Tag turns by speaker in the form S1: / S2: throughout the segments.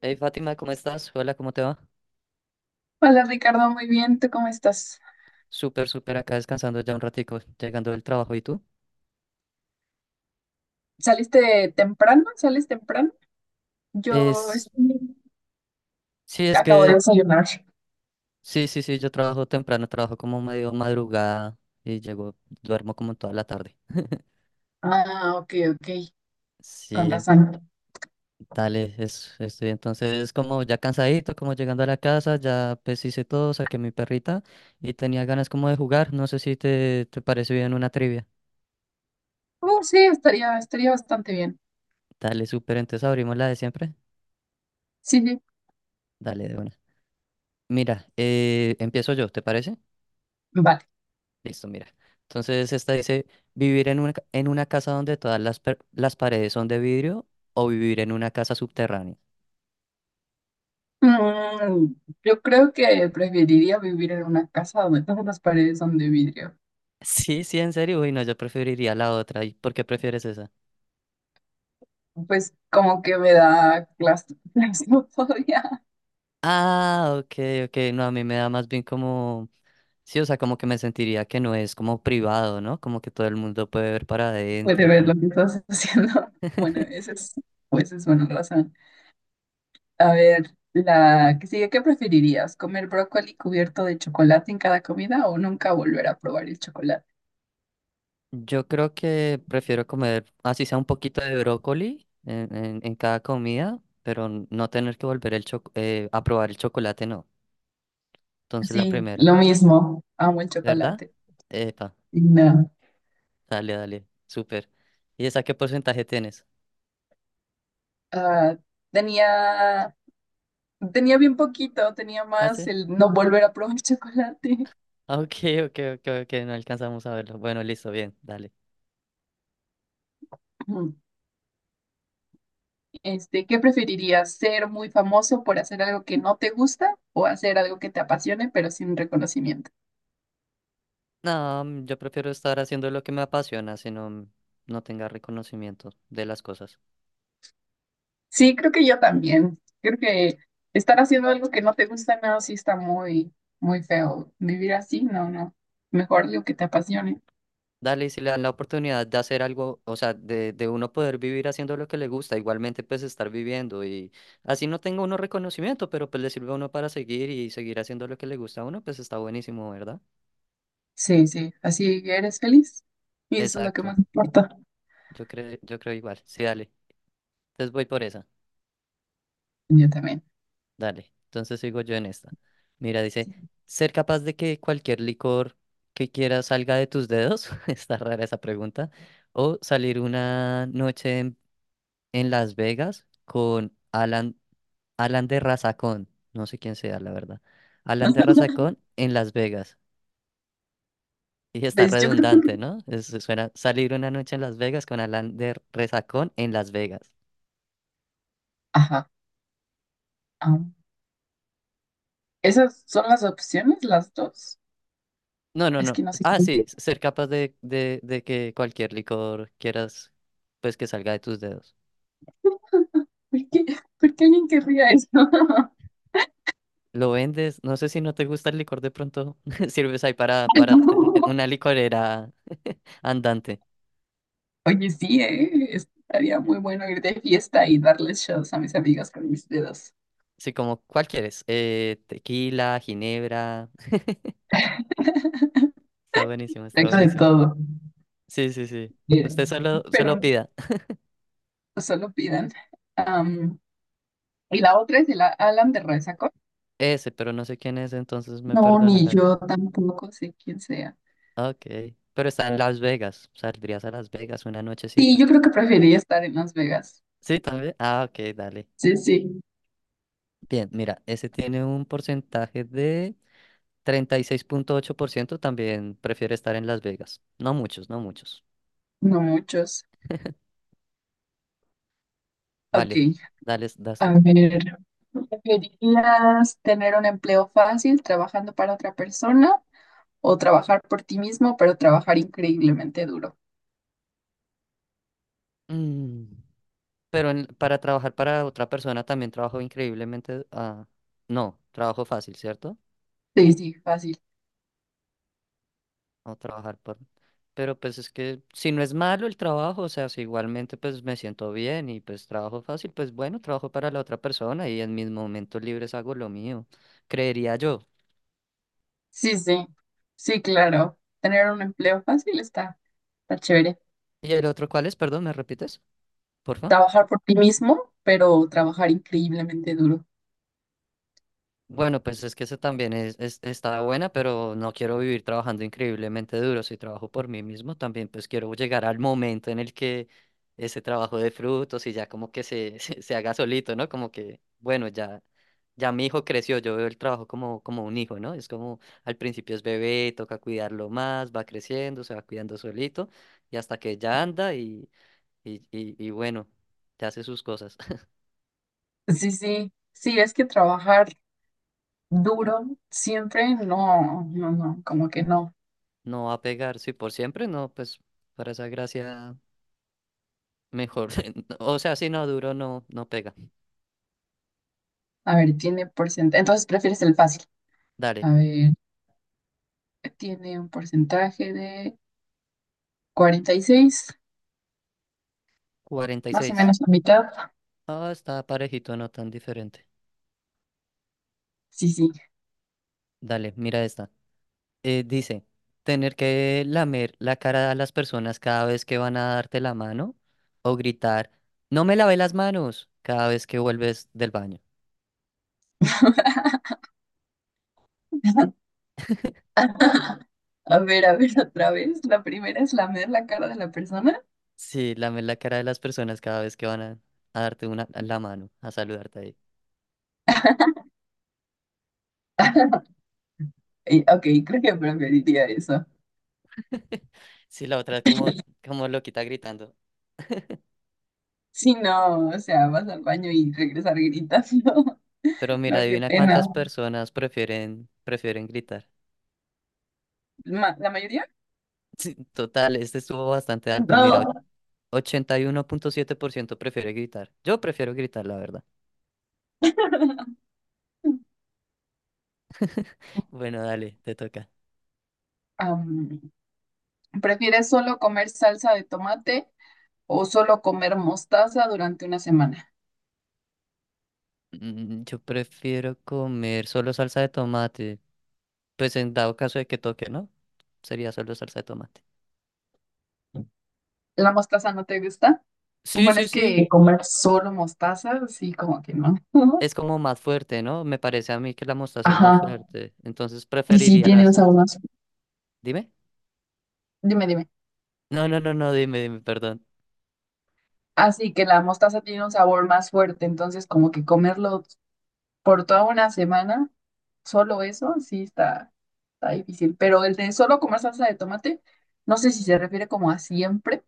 S1: Hey Fátima, ¿cómo estás? Hola, ¿cómo te va?
S2: Hola Ricardo, muy bien, ¿tú cómo estás?
S1: Súper, súper acá descansando ya un ratico, llegando del trabajo. ¿Y tú?
S2: ¿Saliste temprano? ¿Sales temprano? Yo
S1: Es,
S2: estoy-
S1: sí, es
S2: Acabo de
S1: que,
S2: desayunar.
S1: sí, sí, sí, yo trabajo temprano, trabajo como medio madrugada y llego, duermo como toda la tarde.
S2: Ah, ok, ok, con
S1: Sí,
S2: razón.
S1: dale, estoy entonces como ya cansadito, como llegando a la casa, ya pues hice todo, saqué mi perrita y tenía ganas como de jugar. No sé si te parece bien una trivia.
S2: Oh, sí, estaría bastante bien.
S1: Dale, súper, entonces abrimos la de siempre.
S2: Sí, sí,
S1: Dale, de una. Mira, empiezo yo, ¿te parece?
S2: vale.
S1: Listo, mira. Entonces esta dice, ¿vivir en en una casa donde todas las paredes son de vidrio o vivir en una casa subterránea?
S2: Mm, yo creo que preferiría vivir en una casa donde todas las paredes son de vidrio.
S1: Sí, sí, en serio. Uy, no, yo preferiría la otra. ¿Y por qué prefieres esa?
S2: Pues como que me da claustrofobia.
S1: Ah, ok, ok. No, a mí me da más bien como... Sí, o sea, como que me sentiría que no es como privado, ¿no? Como que todo el mundo puede ver para
S2: Puede
S1: adentro,
S2: ver lo
S1: como...
S2: que estás haciendo. Bueno, pues es una razón. A ver, la que sigue, ¿qué preferirías? ¿Comer brócoli cubierto de chocolate en cada comida o nunca volver a probar el chocolate?
S1: Yo creo que prefiero comer, así sea un poquito de brócoli en cada comida, pero no tener que volver a probar el chocolate, no. Entonces la
S2: Sí,
S1: primera,
S2: lo mismo. Amo el
S1: ¿verdad?
S2: chocolate.
S1: Epa,
S2: Y no.
S1: dale, dale, súper. ¿Y esa qué porcentaje tienes?
S2: Ah, tenía, tenía bien poquito, tenía
S1: ¿Ah,
S2: más
S1: sí?
S2: el no volver a probar chocolate.
S1: Ah, ok, ok, ok, ok, no alcanzamos a verlo. Bueno, listo, bien, dale.
S2: Ujú. Este, ¿qué preferirías? ¿Ser muy famoso por hacer algo que no te gusta o hacer algo que te apasione pero sin reconocimiento?
S1: No, yo prefiero estar haciendo lo que me apasiona, si no, no tenga reconocimiento de las cosas.
S2: Sí, creo que yo también. Creo que estar haciendo algo que no te gusta nada sí está muy, muy feo. Vivir así, no, no. Mejor lo que te apasione.
S1: Dale, y si le dan la oportunidad de hacer algo, o sea, de uno poder vivir haciendo lo que le gusta, igualmente pues estar viviendo y así no tenga uno reconocimiento, pero pues le sirve a uno para seguir y seguir haciendo lo que le gusta a uno, pues está buenísimo, ¿verdad?
S2: Sí, sí, así eres feliz. Y eso es lo que
S1: Exacto,
S2: más importa.
S1: yo creo igual, sí, dale, entonces voy por esa,
S2: Yo también.
S1: dale, entonces sigo yo en esta. Mira, dice, ser capaz de que cualquier licor que quieras salga de tus dedos, está rara esa pregunta, o salir una noche en Las Vegas con Alan. Alan de Razacón, no sé quién sea, la verdad. Alan de Razacón en Las Vegas. Y está
S2: Pues yo creo que…
S1: redundante, ¿no? Es- suena salir una noche en Las Vegas con Alan de Razacón en Las Vegas.
S2: Ajá. am, esas son las opciones, las dos.
S1: No, no,
S2: Es
S1: no.
S2: que no sé.
S1: Ah, sí, ser capaz de que cualquier licor quieras, pues que salga de tus dedos.
S2: ¿Por qué, por qué alguien querría eso?
S1: Lo vendes, no sé si no te gusta el licor de pronto, sirves ahí para una licorera andante.
S2: Oye, sí, ¿eh? Estaría muy bueno ir de fiesta y darles shows a mis amigas con mis dedos.
S1: Sí, como, ¿cuál quieres? Tequila, ginebra. Está buenísimo, está
S2: Tengo de
S1: buenísimo.
S2: todo,
S1: Sí, sí, sí. Usted solo,
S2: pero
S1: solo
S2: no,
S1: pida
S2: solo pidan. Am, y la otra es el Alan de Resaco.
S1: ese, pero no sé quién es, entonces me
S2: No, ni
S1: perdonarás.
S2: yo tampoco sé quién sea.
S1: Ah, ok. Pero está en Las Vegas. Saldrías a Las Vegas una
S2: Sí,
S1: nochecita.
S2: yo creo que preferiría estar en Las Vegas.
S1: Sí, también. Ah, ok, dale.
S2: Sí, sí,
S1: Bien, mira, ese tiene un porcentaje de 36,8%. También prefiere estar en Las Vegas. No muchos, no muchos.
S2: no muchos. Ok,
S1: Vale, dale, das
S2: a
S1: tú.
S2: ver. ¿Preferirías tener un empleo fácil trabajando para otra persona o trabajar por ti mismo, pero trabajar increíblemente duro?
S1: Mm, Pero para trabajar para otra persona también trabajo increíblemente. No, trabajo fácil, ¿cierto?
S2: Sí, sí, fácil.
S1: O trabajar por... Pero pues es que si no es malo el trabajo, o sea, si igualmente pues me siento bien y pues trabajo fácil, pues bueno, trabajo para la otra persona y en mis momentos libres hago lo mío, creería yo.
S2: Sí, sí, sí, claro. Tener un empleo fácil está chévere.
S1: ¿Y el otro cuál es? Perdón, ¿me repites? Porfa.
S2: Trabajar por ti mismo, pero trabajar increíblemente duro.
S1: Bueno, pues es que eso también es- está buena, pero no quiero vivir trabajando increíblemente duro. Si trabajo por mí mismo, también pues quiero llegar al momento en el que ese trabajo dé frutos y ya como que se, se haga solito, ¿no? Como que, bueno, ya, ya mi hijo creció, yo veo el trabajo como, como un hijo, ¿no? Es como al principio es bebé, toca cuidarlo más, va creciendo, se va cuidando solito y hasta que ya anda y bueno, ya hace sus cosas.
S2: Sí, sí, sí, es que trabajar duro siempre, no, no, no, como que no.
S1: No va a pegar, si por siempre, no, pues para esa gracia. Mejor. O sea, si no duro, no, no pega.
S2: A ver, tiene porcentaje, entonces prefieres el fácil.
S1: Dale.
S2: A ver, tiene un porcentaje de 46,
S1: cuarenta y
S2: más o
S1: seis
S2: menos la mitad.
S1: Ah, está parejito, no tan diferente.
S2: Sí, sí.
S1: Dale, mira esta. Dice, tener que lamer la cara a las personas cada vez que van a darte la mano o gritar, no me lavé las manos cada vez que vuelves del baño.
S2: A ver, otra vez. La primera es lamer la cara de la persona.
S1: Sí, lamer la cara de las personas cada vez que van a darte una, la mano, a saludarte ahí.
S2: Y, ok, creo que preferiría eso.
S1: Sí, la otra es como, como loquita gritando.
S2: Si no, o sea, vas al baño y regresar gritando.
S1: Pero mira,
S2: No, qué
S1: adivina
S2: pena,
S1: cuántas personas prefieren gritar.
S2: la mayoría.
S1: Sí, total, este estuvo bastante alto. Mira,
S2: No.
S1: 81,7% prefiere gritar. Yo prefiero gritar, la verdad. Bueno, dale, te toca.
S2: Am, ¿Prefieres solo comer salsa de tomate o solo comer mostaza durante una semana?
S1: Yo prefiero comer solo salsa de tomate. Pues en dado caso de que toque, ¿no? Sería solo salsa de tomate.
S2: ¿La mostaza no te gusta?
S1: Sí,
S2: Bueno,
S1: sí,
S2: es
S1: sí.
S2: que comer solo mostaza, sí, como que no.
S1: Es como más fuerte, ¿no? Me parece a mí que la mostaza es
S2: Ajá.
S1: más fuerte. Entonces
S2: Y sí,
S1: preferiría la
S2: tiene un sabor
S1: salsa.
S2: más.
S1: Dime.
S2: Dime, dime.
S1: No, no, no, no, dime, dime, perdón.
S2: Así que la mostaza tiene un sabor más fuerte, entonces como que comerlo por toda una semana, solo eso, sí está difícil. Pero el de solo comer salsa de tomate, no sé si se refiere como a siempre.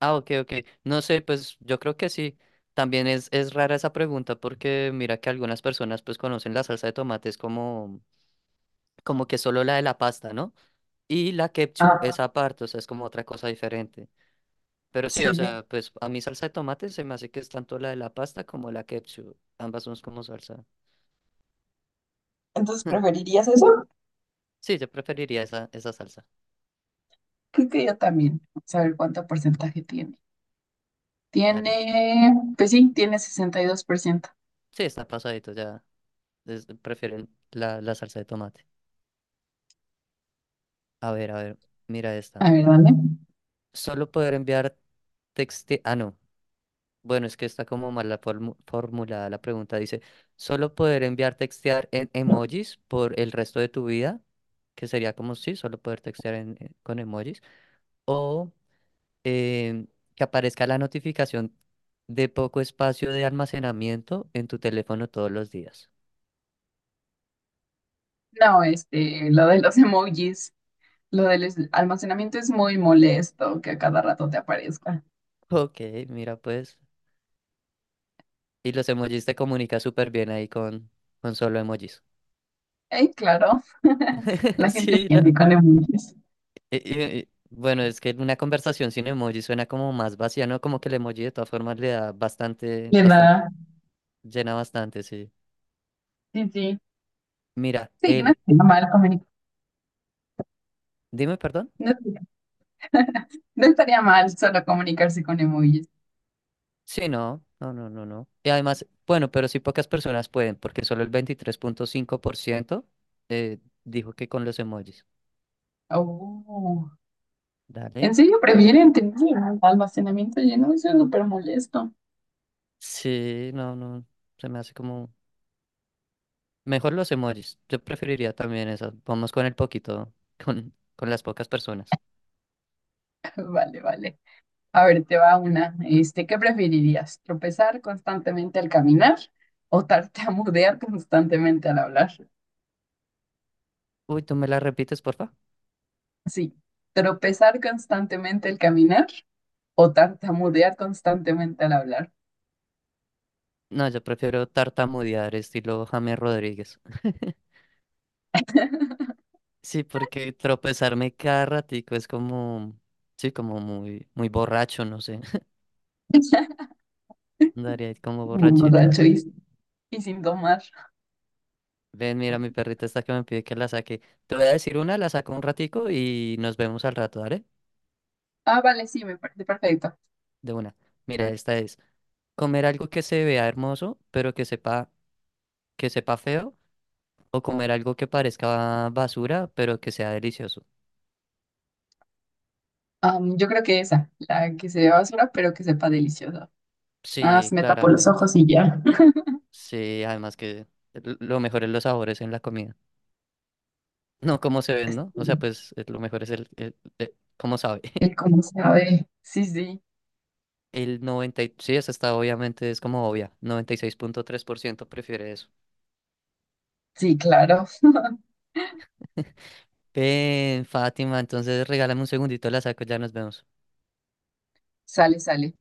S1: Ah, ok, ok. No sé, pues yo creo que sí. También es rara esa pregunta porque mira que algunas personas pues conocen la salsa de tomate es como, como que solo la de la pasta, ¿no? Y la ketchup es aparte, o sea, es como otra cosa diferente. Pero sí,
S2: Sí,
S1: o
S2: sí.
S1: sea, pues a mí salsa de tomate se me hace que es tanto la de la pasta como la ketchup. Ambas son como salsa.
S2: Entonces, ¿preferirías eso?
S1: Sí, yo preferiría esa, esa salsa.
S2: Creo que yo también. Saber cuánto porcentaje tiene.
S1: Dale.
S2: Tiene, pues sí, tiene 62%.
S1: Sí, está pasadito, ya. Es- prefieren la, la salsa de tomate. A ver, mira esta.
S2: A ver, dale.
S1: Solo poder enviar texte... Ah, no. Bueno, es que está como mal la formulada la pregunta. Dice, ¿solo poder enviar textear en emojis por el resto de tu vida? Que sería como sí, solo poder textear con emojis. O eh, que aparezca la notificación de poco espacio de almacenamiento en tu teléfono todos los días.
S2: No, este, lo de los emojis, lo del almacenamiento es muy molesto que a cada rato te aparezca.
S1: Ok, mira pues. Y los emojis te comunica súper bien ahí con solo emojis.
S2: Claro, la gente
S1: Sí,
S2: entiende con emojis.
S1: Bueno, es que una conversación sin emoji suena como más vacía, ¿no? Como que el emoji de todas formas le da bastante,
S2: Le da,
S1: bastante, llena bastante, sí.
S2: sí, sí.
S1: Mira,
S2: Sí, no
S1: el,
S2: estaría mal comunicar.
S1: dime, perdón.
S2: No, no estaría mal solo comunicarse con emojis.
S1: Sí, no, no, no, no, no. Y además, bueno, pero sí pocas personas pueden, porque solo el 23.5% dijo que con los emojis.
S2: Oh. ¿En
S1: Dale.
S2: serio prefieren tener el almacenamiento lleno? Eso es súper molesto.
S1: Sí, no, no, se me hace como... Mejor los emojis. Yo preferiría también eso. Vamos con el poquito, con las pocas personas.
S2: Vale, vale. A ver, te va una. Este, ¿qué preferirías? ¿Tropezar constantemente al caminar o tartamudear constantemente al hablar?
S1: Uy, ¿tú me la repites, porfa?
S2: Sí, tropezar constantemente al caminar o tartamudear constantemente al hablar.
S1: No, yo prefiero tartamudear estilo James Rodríguez. Sí, porque tropezarme cada ratico es como, sí, como muy, muy borracho, no sé. Andaría ahí como
S2: Muy
S1: borrachito.
S2: borracho y, sin tomar.
S1: Ven, mira, mi perrita está que me pide que la saque. Te voy a decir una, la saco un ratico y nos vemos al rato, ¿vale?
S2: Ah, vale, sí, me parece perfecto.
S1: De una. Mira, esta es comer algo que se vea hermoso, pero que sepa feo, o comer algo que parezca basura, pero que sea delicioso.
S2: Yo creo que esa, la que se vea basura, pero que sepa deliciosa. Ah,
S1: Sí,
S2: me tapo los
S1: claramente.
S2: ojos y ya.
S1: Sí, además que lo mejor es los sabores en la comida. No cómo se ven, ¿no? O sea, pues lo mejor es cómo sabe.
S2: Que cómo sabe. Sí, sí,
S1: Sí, esa está obviamente, es como obvia. 96,3% prefiere eso.
S2: sí, claro.
S1: Ven, Fátima, entonces regálame un segundito, la saco, ya nos vemos.
S2: Sale, sale.